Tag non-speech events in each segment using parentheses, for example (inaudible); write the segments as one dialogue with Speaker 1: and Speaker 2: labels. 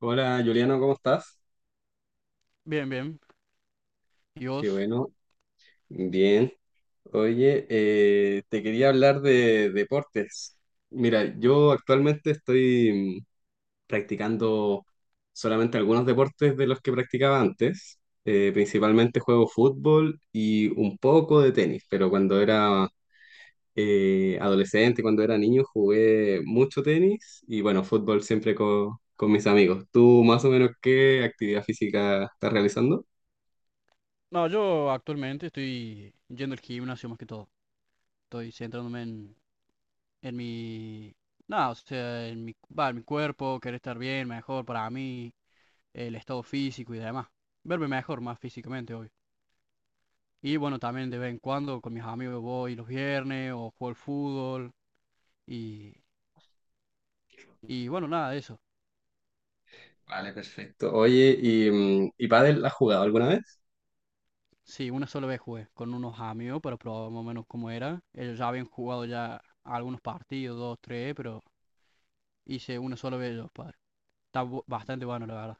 Speaker 1: Hola Juliano, ¿cómo estás?
Speaker 2: Bien, bien. ¿Y
Speaker 1: Qué
Speaker 2: vos?
Speaker 1: bueno, bien. Oye, te quería hablar de deportes. Mira, yo actualmente estoy practicando solamente algunos deportes de los que practicaba antes. Principalmente juego fútbol y un poco de tenis, pero cuando era adolescente, cuando era niño, jugué mucho tenis y bueno, fútbol siempre con mis amigos. ¿Tú más o menos qué actividad física estás realizando?
Speaker 2: No, yo actualmente estoy yendo al gimnasio más que todo. Estoy centrándome en mi. Nada, o sea, en mi, va, en mi cuerpo, querer estar bien, mejor para mí, el estado físico y demás. Verme mejor, más físicamente, obvio. Y bueno, también de vez en cuando con mis amigos voy los viernes o juego al fútbol y, y bueno, nada de eso.
Speaker 1: Vale, perfecto. Oye, ¿y pádel has jugado alguna vez?
Speaker 2: Sí, una sola vez jugué con unos amigos para probar más o menos cómo era. Ellos ya habían jugado ya algunos partidos, dos, tres, pero. Hice uno solo de ellos, padre. Está bastante bueno, la verdad.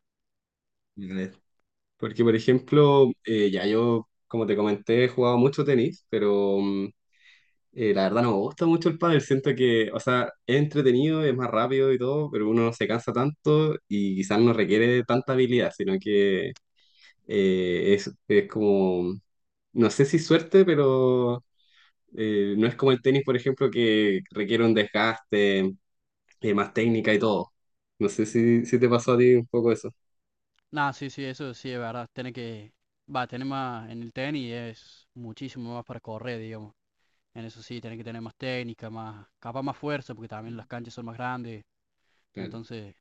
Speaker 1: Vale. Porque, por ejemplo, ya yo, como te comenté, he jugado mucho tenis, pero la verdad no me gusta mucho el pádel. Siento que, o sea, es entretenido, es más rápido y todo, pero uno no se cansa tanto y quizás no requiere de tanta habilidad, sino que es como, no sé si suerte, pero no es como el tenis, por ejemplo, que requiere un desgaste, y más técnica y todo. No sé si te pasó a ti un poco eso.
Speaker 2: Nah, sí, sí, eso sí es verdad. Tiene que. Va, tener más en el tenis es muchísimo más para correr, digamos. En eso sí, tiene que tener más técnica, más. Capaz más fuerza, porque también las canchas son más grandes.
Speaker 1: Claro.
Speaker 2: Entonces.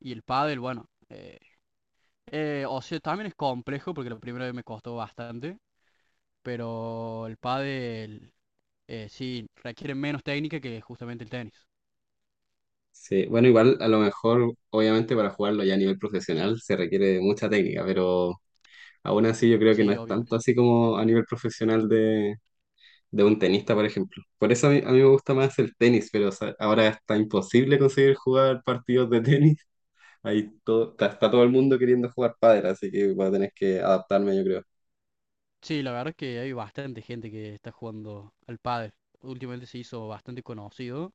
Speaker 2: Y el pádel, bueno, o sea, también es complejo, porque la primera vez me costó bastante. Pero el pádel, sí, requiere menos técnica que justamente el tenis.
Speaker 1: Sí, bueno, igual a lo mejor, obviamente para jugarlo ya a nivel profesional se requiere de mucha técnica, pero aún así yo creo que no
Speaker 2: Sí,
Speaker 1: es
Speaker 2: obvio.
Speaker 1: tanto así como a nivel profesional de un tenista, por ejemplo. Por eso a mí me gusta más el tenis, pero o sea, ahora está imposible conseguir jugar partidos de tenis. (laughs) Ahí está todo el mundo queriendo jugar pádel, así que voy a tener que adaptarme, yo creo.
Speaker 2: Sí, la verdad que hay bastante gente que está jugando al pádel. Últimamente se hizo bastante conocido,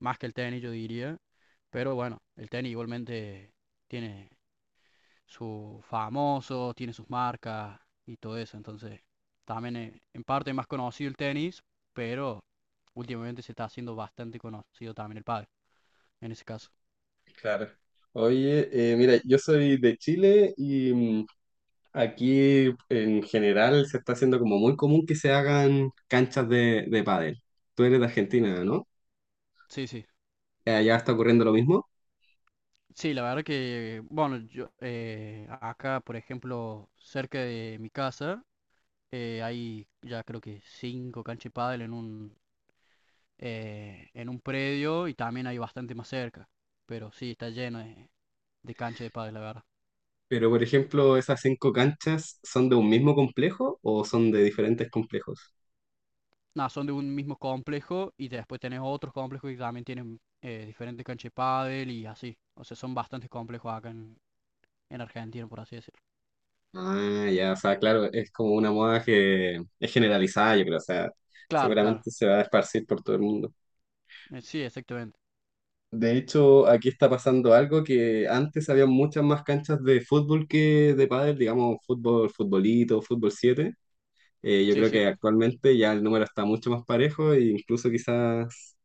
Speaker 2: más que el tenis, yo diría. Pero bueno, el tenis igualmente tiene sus famosos, tiene sus marcas y todo eso. Entonces, también en parte es más conocido el tenis, pero últimamente se está haciendo bastante conocido también el pádel, en ese caso.
Speaker 1: Claro. Oye, mira, yo soy de Chile y aquí en general se está haciendo como muy común que se hagan canchas de pádel. Tú eres de Argentina, ¿no?
Speaker 2: Sí, sí.
Speaker 1: Allá está ocurriendo lo mismo,
Speaker 2: Sí, la verdad que, bueno, yo acá, por ejemplo, cerca de mi casa, hay ya creo que cinco canchas de pádel en un predio y también hay bastante más cerca. Pero sí, está lleno de canchas de pádel, la verdad.
Speaker 1: pero por ejemplo, ¿esas cinco canchas son de un mismo complejo o son de diferentes complejos?
Speaker 2: Nada, son de un mismo complejo y después tenés otros complejos que también tienen diferentes canchas de pádel y así. O sea, son bastantes complejos acá en Argentina, por así decirlo.
Speaker 1: Ah, ya, o sea, claro, es como una moda que es generalizada, yo creo, o sea,
Speaker 2: Claro, claro.
Speaker 1: seguramente se va a esparcir por todo el mundo.
Speaker 2: Sí, exactamente.
Speaker 1: De hecho, aquí está pasando algo que antes había muchas más canchas de fútbol que de pádel, digamos, fútbol, futbolito, fútbol 7. Yo
Speaker 2: Sí,
Speaker 1: creo que
Speaker 2: sí,
Speaker 1: actualmente ya el número está mucho más parejo e incluso quizás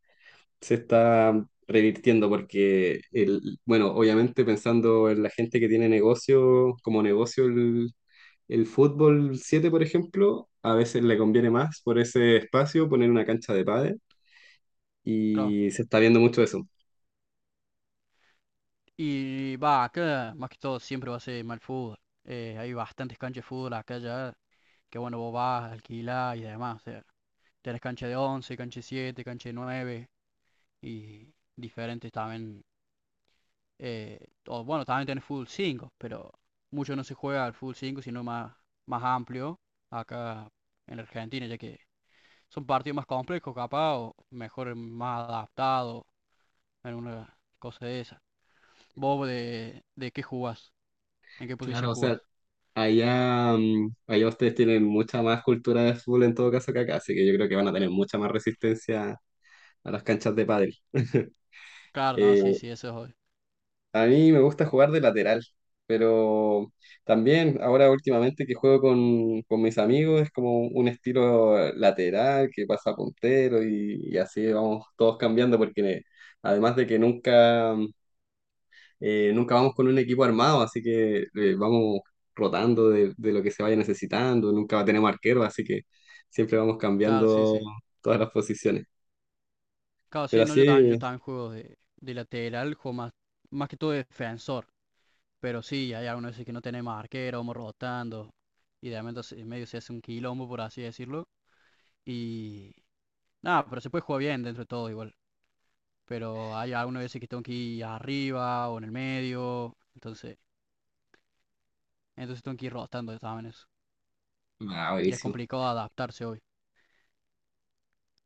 Speaker 1: se está revirtiendo porque, bueno, obviamente pensando en la gente que tiene negocio, como negocio el fútbol 7 por ejemplo, a veces le conviene más por ese espacio poner una cancha de pádel
Speaker 2: claro.
Speaker 1: y se está viendo mucho eso.
Speaker 2: Y va, acá más que todo siempre va a ser mal fútbol. Hay bastantes canchas de fútbol acá ya, que bueno, vos vas, alquilás y demás. O sea, tenés cancha de 11 cancha de 7, cancha de 9 y diferentes también. eh, o bueno, también tenés fútbol 5 pero mucho no se juega al fútbol 5 sino más amplio acá en Argentina, ya que son partidos más complejos, capaz, o mejor, más adaptados en una cosa de esa. ¿Vos de qué jugás? ¿En qué posición
Speaker 1: Claro, o sea,
Speaker 2: jugás?
Speaker 1: allá ustedes tienen mucha más cultura de fútbol en todo caso que acá, así que yo creo que van a tener mucha más resistencia a las canchas de pádel. (laughs)
Speaker 2: Claro, no,
Speaker 1: Eh,
Speaker 2: sí, sí, eso es obvio.
Speaker 1: A mí me gusta jugar de lateral, pero también ahora últimamente que juego con mis amigos es como un estilo lateral que pasa a puntero y así vamos todos cambiando porque además de que nunca vamos con un equipo armado, así que vamos rotando de lo que se vaya necesitando, nunca tenemos arquero, así que siempre vamos
Speaker 2: Claro, sí,
Speaker 1: cambiando
Speaker 2: sí.
Speaker 1: todas las posiciones.
Speaker 2: Claro,
Speaker 1: Pero
Speaker 2: sí, no, yo también, yo
Speaker 1: así,
Speaker 2: también juego de lateral, juego más que todo de defensor. Pero sí, hay algunos veces que no tenemos arquero, vamos rotando. Y de momento en medio se hace un quilombo, por así decirlo. Y nada, pero se puede jugar bien dentro de todo igual. Pero hay algunas veces que tengo que ir arriba o en el medio. Entonces tengo que ir rotando también eso.
Speaker 1: ah,
Speaker 2: Y es
Speaker 1: buenísimo.
Speaker 2: complicado adaptarse hoy.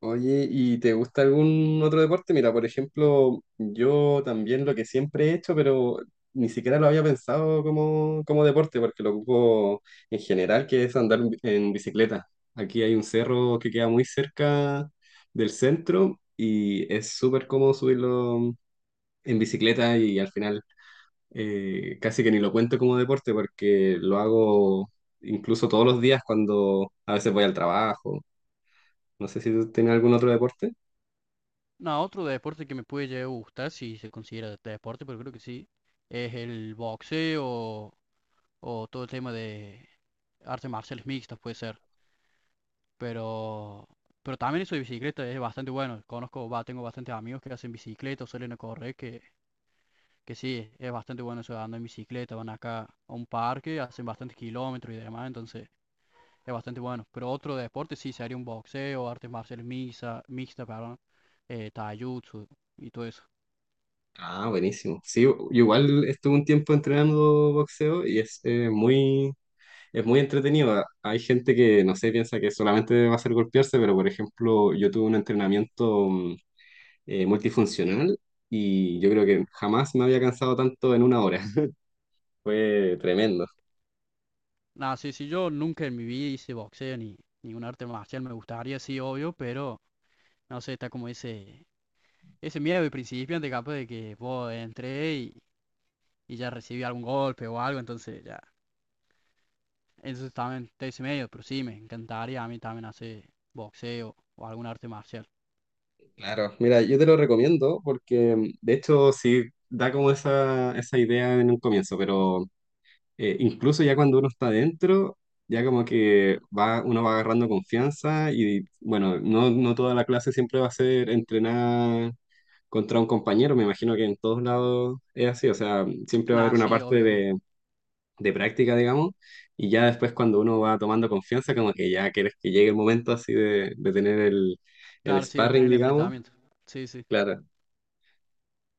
Speaker 1: Oye, ¿y te gusta algún otro deporte? Mira, por ejemplo, yo también lo que siempre he hecho, pero ni siquiera lo había pensado como, como deporte, porque lo ocupo en general, que es andar en en bicicleta. Aquí hay un cerro que queda muy cerca del centro y es súper cómodo subirlo en bicicleta y al final casi que ni lo cuento como deporte porque lo hago incluso todos los días cuando a veces voy al trabajo. No sé si tú tienes algún otro deporte.
Speaker 2: No, otro deporte que me puede llegar a gustar, si se considera deporte, pero creo que sí, es el boxeo o todo el tema de artes marciales mixtas, puede ser. Pero, pero también eso de bicicleta es bastante bueno. Conozco, va, tengo bastantes amigos que hacen bicicleta, o suelen a correr, que sí, es bastante bueno eso de andar en bicicleta. Van acá a un parque, hacen bastantes kilómetros y demás, entonces es bastante bueno. Pero otro deporte sí sería un boxeo, artes marciales mixtas, mixta, taijutsu y todo eso.
Speaker 1: Ah, buenísimo. Sí, yo igual estuve un tiempo entrenando boxeo y es es muy entretenido. Ah, hay gente que, no sé, piensa que solamente va a ser golpearse, pero por ejemplo, yo tuve un entrenamiento multifuncional y yo creo que jamás me había cansado tanto en una hora. (laughs) Fue tremendo.
Speaker 2: Nada, sí, sí, yo nunca en mi vida hice boxeo ni un arte marcial, me gustaría, sí, obvio, pero no sé, está como ese miedo de principiante capaz de que vos entré y ya recibí algún golpe o algo, entonces ya, eso también está ese medio, pero sí, me encantaría a mí también hacer boxeo o algún arte marcial.
Speaker 1: Claro, mira, yo te lo recomiendo porque de hecho sí da como esa idea en un comienzo, pero incluso ya cuando uno está dentro, ya como que va, uno va agarrando confianza y bueno, no toda la clase siempre va a ser entrenar contra un compañero, me imagino que en todos lados es así, o sea, siempre va a haber
Speaker 2: Nada,
Speaker 1: una
Speaker 2: sí,
Speaker 1: parte
Speaker 2: obvio, obvio.
Speaker 1: de práctica, digamos, y ya después cuando uno va tomando confianza, como que ya quieres que llegue el momento así de tener el
Speaker 2: Claro, sí, de tener
Speaker 1: sparring,
Speaker 2: el
Speaker 1: digamos,
Speaker 2: enfrentamiento. Sí, sí.
Speaker 1: claro.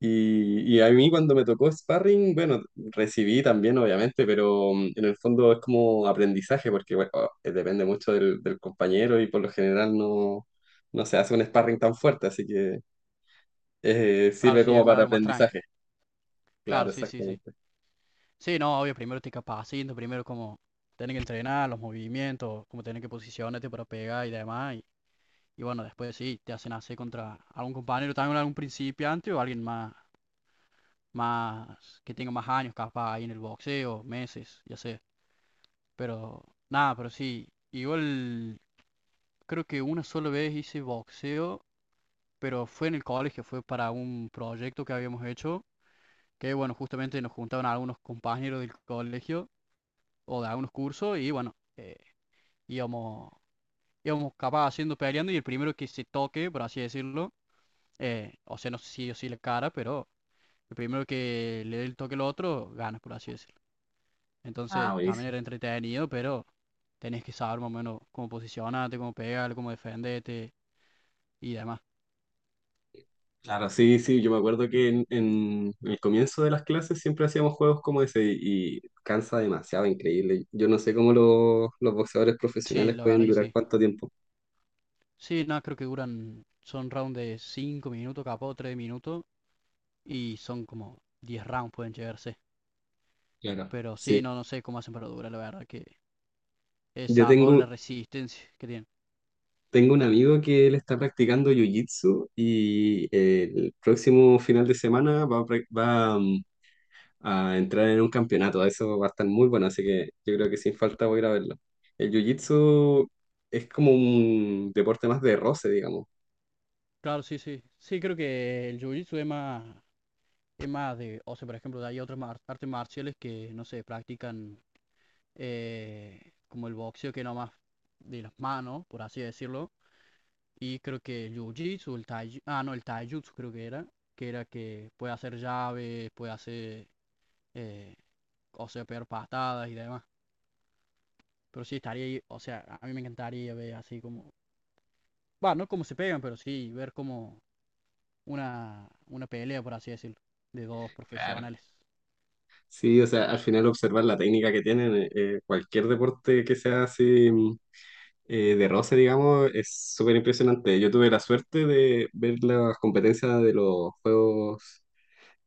Speaker 1: Y a mí cuando me tocó sparring, bueno, recibí también obviamente, pero en el fondo es como aprendizaje, porque bueno, depende mucho del compañero y por lo general no se hace un sparring tan fuerte, así que
Speaker 2: Claro,
Speaker 1: sirve
Speaker 2: sí,
Speaker 1: como para
Speaker 2: algo más tranqui.
Speaker 1: aprendizaje. Claro,
Speaker 2: Claro, sí, sí, sí.
Speaker 1: exactamente.
Speaker 2: Sí, no, obvio, primero te capacito, primero como tienen que entrenar los movimientos, como tienen que posicionarte para pegar y demás. Y bueno, después sí, te hacen hacer contra algún compañero, también algún principiante o alguien más, más que tenga más años capaz ahí en el boxeo, meses, ya sé. Pero nada, pero sí, igual creo que una sola vez hice boxeo, pero fue en el colegio, fue para un proyecto que habíamos hecho, que bueno, justamente nos juntaron algunos compañeros del colegio o de algunos cursos y bueno, íbamos, íbamos capaz haciendo peleando y el primero que se toque, por así decirlo, o sea, no sé si sí o si la cara, pero el primero que le dé el toque al otro gana, por así decirlo.
Speaker 1: Ah,
Speaker 2: Entonces también
Speaker 1: buenísimo.
Speaker 2: era entretenido, pero tenés que saber más o menos cómo posicionarte, cómo pegar, cómo defenderte y demás.
Speaker 1: Claro, sí, sí, yo me acuerdo que en el comienzo de las clases siempre hacíamos juegos como ese y cansa demasiado, increíble. Yo no sé cómo los boxeadores
Speaker 2: Sí,
Speaker 1: profesionales
Speaker 2: la
Speaker 1: pueden
Speaker 2: verdad que
Speaker 1: durar
Speaker 2: sí.
Speaker 1: cuánto tiempo.
Speaker 2: Sí, no, creo que duran, son rounds de 5 minutos, capaz 3 minutos y son como 10 rounds pueden llegarse.
Speaker 1: Claro.
Speaker 2: Pero sí,
Speaker 1: Sí.
Speaker 2: no sé cómo hacen para durar, la verdad, que es
Speaker 1: Yo
Speaker 2: zarpado
Speaker 1: tengo,
Speaker 2: la resistencia que tienen.
Speaker 1: Tengo un amigo que él está practicando jiu-jitsu y el próximo final de semana va, a prac- va, mm, a entrar en un campeonato. Eso va a estar muy bueno, así que yo creo que sin falta voy a ir a verlo. El jiu-jitsu es como un deporte más de roce, digamos.
Speaker 2: Claro, sí, sí. Sí, creo que el jiu-jitsu es más de, o sea, por ejemplo, hay otras artes marciales que, no sé, practican como el boxeo, que no más de las manos, por así decirlo. Y creo que el jiu-jitsu, el tai, ah, no, el taijutsu creo que era que puede hacer llaves, puede hacer, eh, o sea, pegar patadas y demás. Pero sí, estaría, ahí, o sea, a mí me encantaría ver así como, va, no como se pegan, pero sí, ver como una pelea, por así decirlo, de dos
Speaker 1: Claro.
Speaker 2: profesionales.
Speaker 1: Sí, o sea, al final observar la técnica que tienen, cualquier deporte que sea así de roce, digamos, es súper impresionante. Yo tuve la suerte de ver las competencias de los Juegos.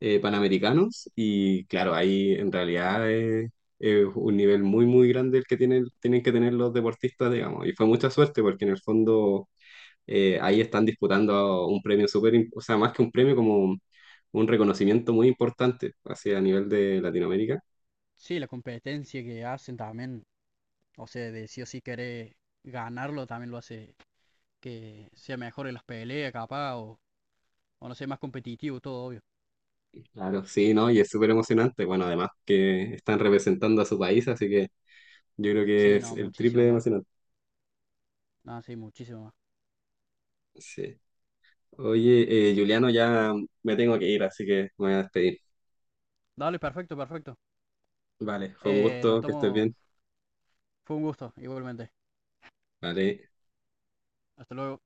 Speaker 1: Panamericanos y claro, ahí en realidad es un nivel muy, muy grande el que tienen, tienen que tener los deportistas, digamos. Y fue mucha suerte porque en el fondo ahí están disputando un premio o sea, más que un premio como... un reconocimiento muy importante hacia a nivel de Latinoamérica.
Speaker 2: Sí, la competencia que hacen también, o sea, de sí o sí querer ganarlo también lo hace que sea mejor en las peleas, capaz, o no sé, más competitivo, todo obvio.
Speaker 1: Claro, sí, ¿no? Y es súper emocionante. Bueno, además que están representando a su país, así que yo creo que
Speaker 2: Sí,
Speaker 1: es
Speaker 2: no,
Speaker 1: el triple
Speaker 2: muchísimo
Speaker 1: de
Speaker 2: más.
Speaker 1: emocionante.
Speaker 2: No, sí, muchísimo más.
Speaker 1: Sí. Oye, Juliano, ya me tengo que ir, así que me voy a despedir.
Speaker 2: Dale, perfecto, perfecto.
Speaker 1: Vale, fue un
Speaker 2: Nos
Speaker 1: gusto, que estés
Speaker 2: estamos,
Speaker 1: bien.
Speaker 2: fue un gusto, igualmente.
Speaker 1: Vale.
Speaker 2: Hasta luego.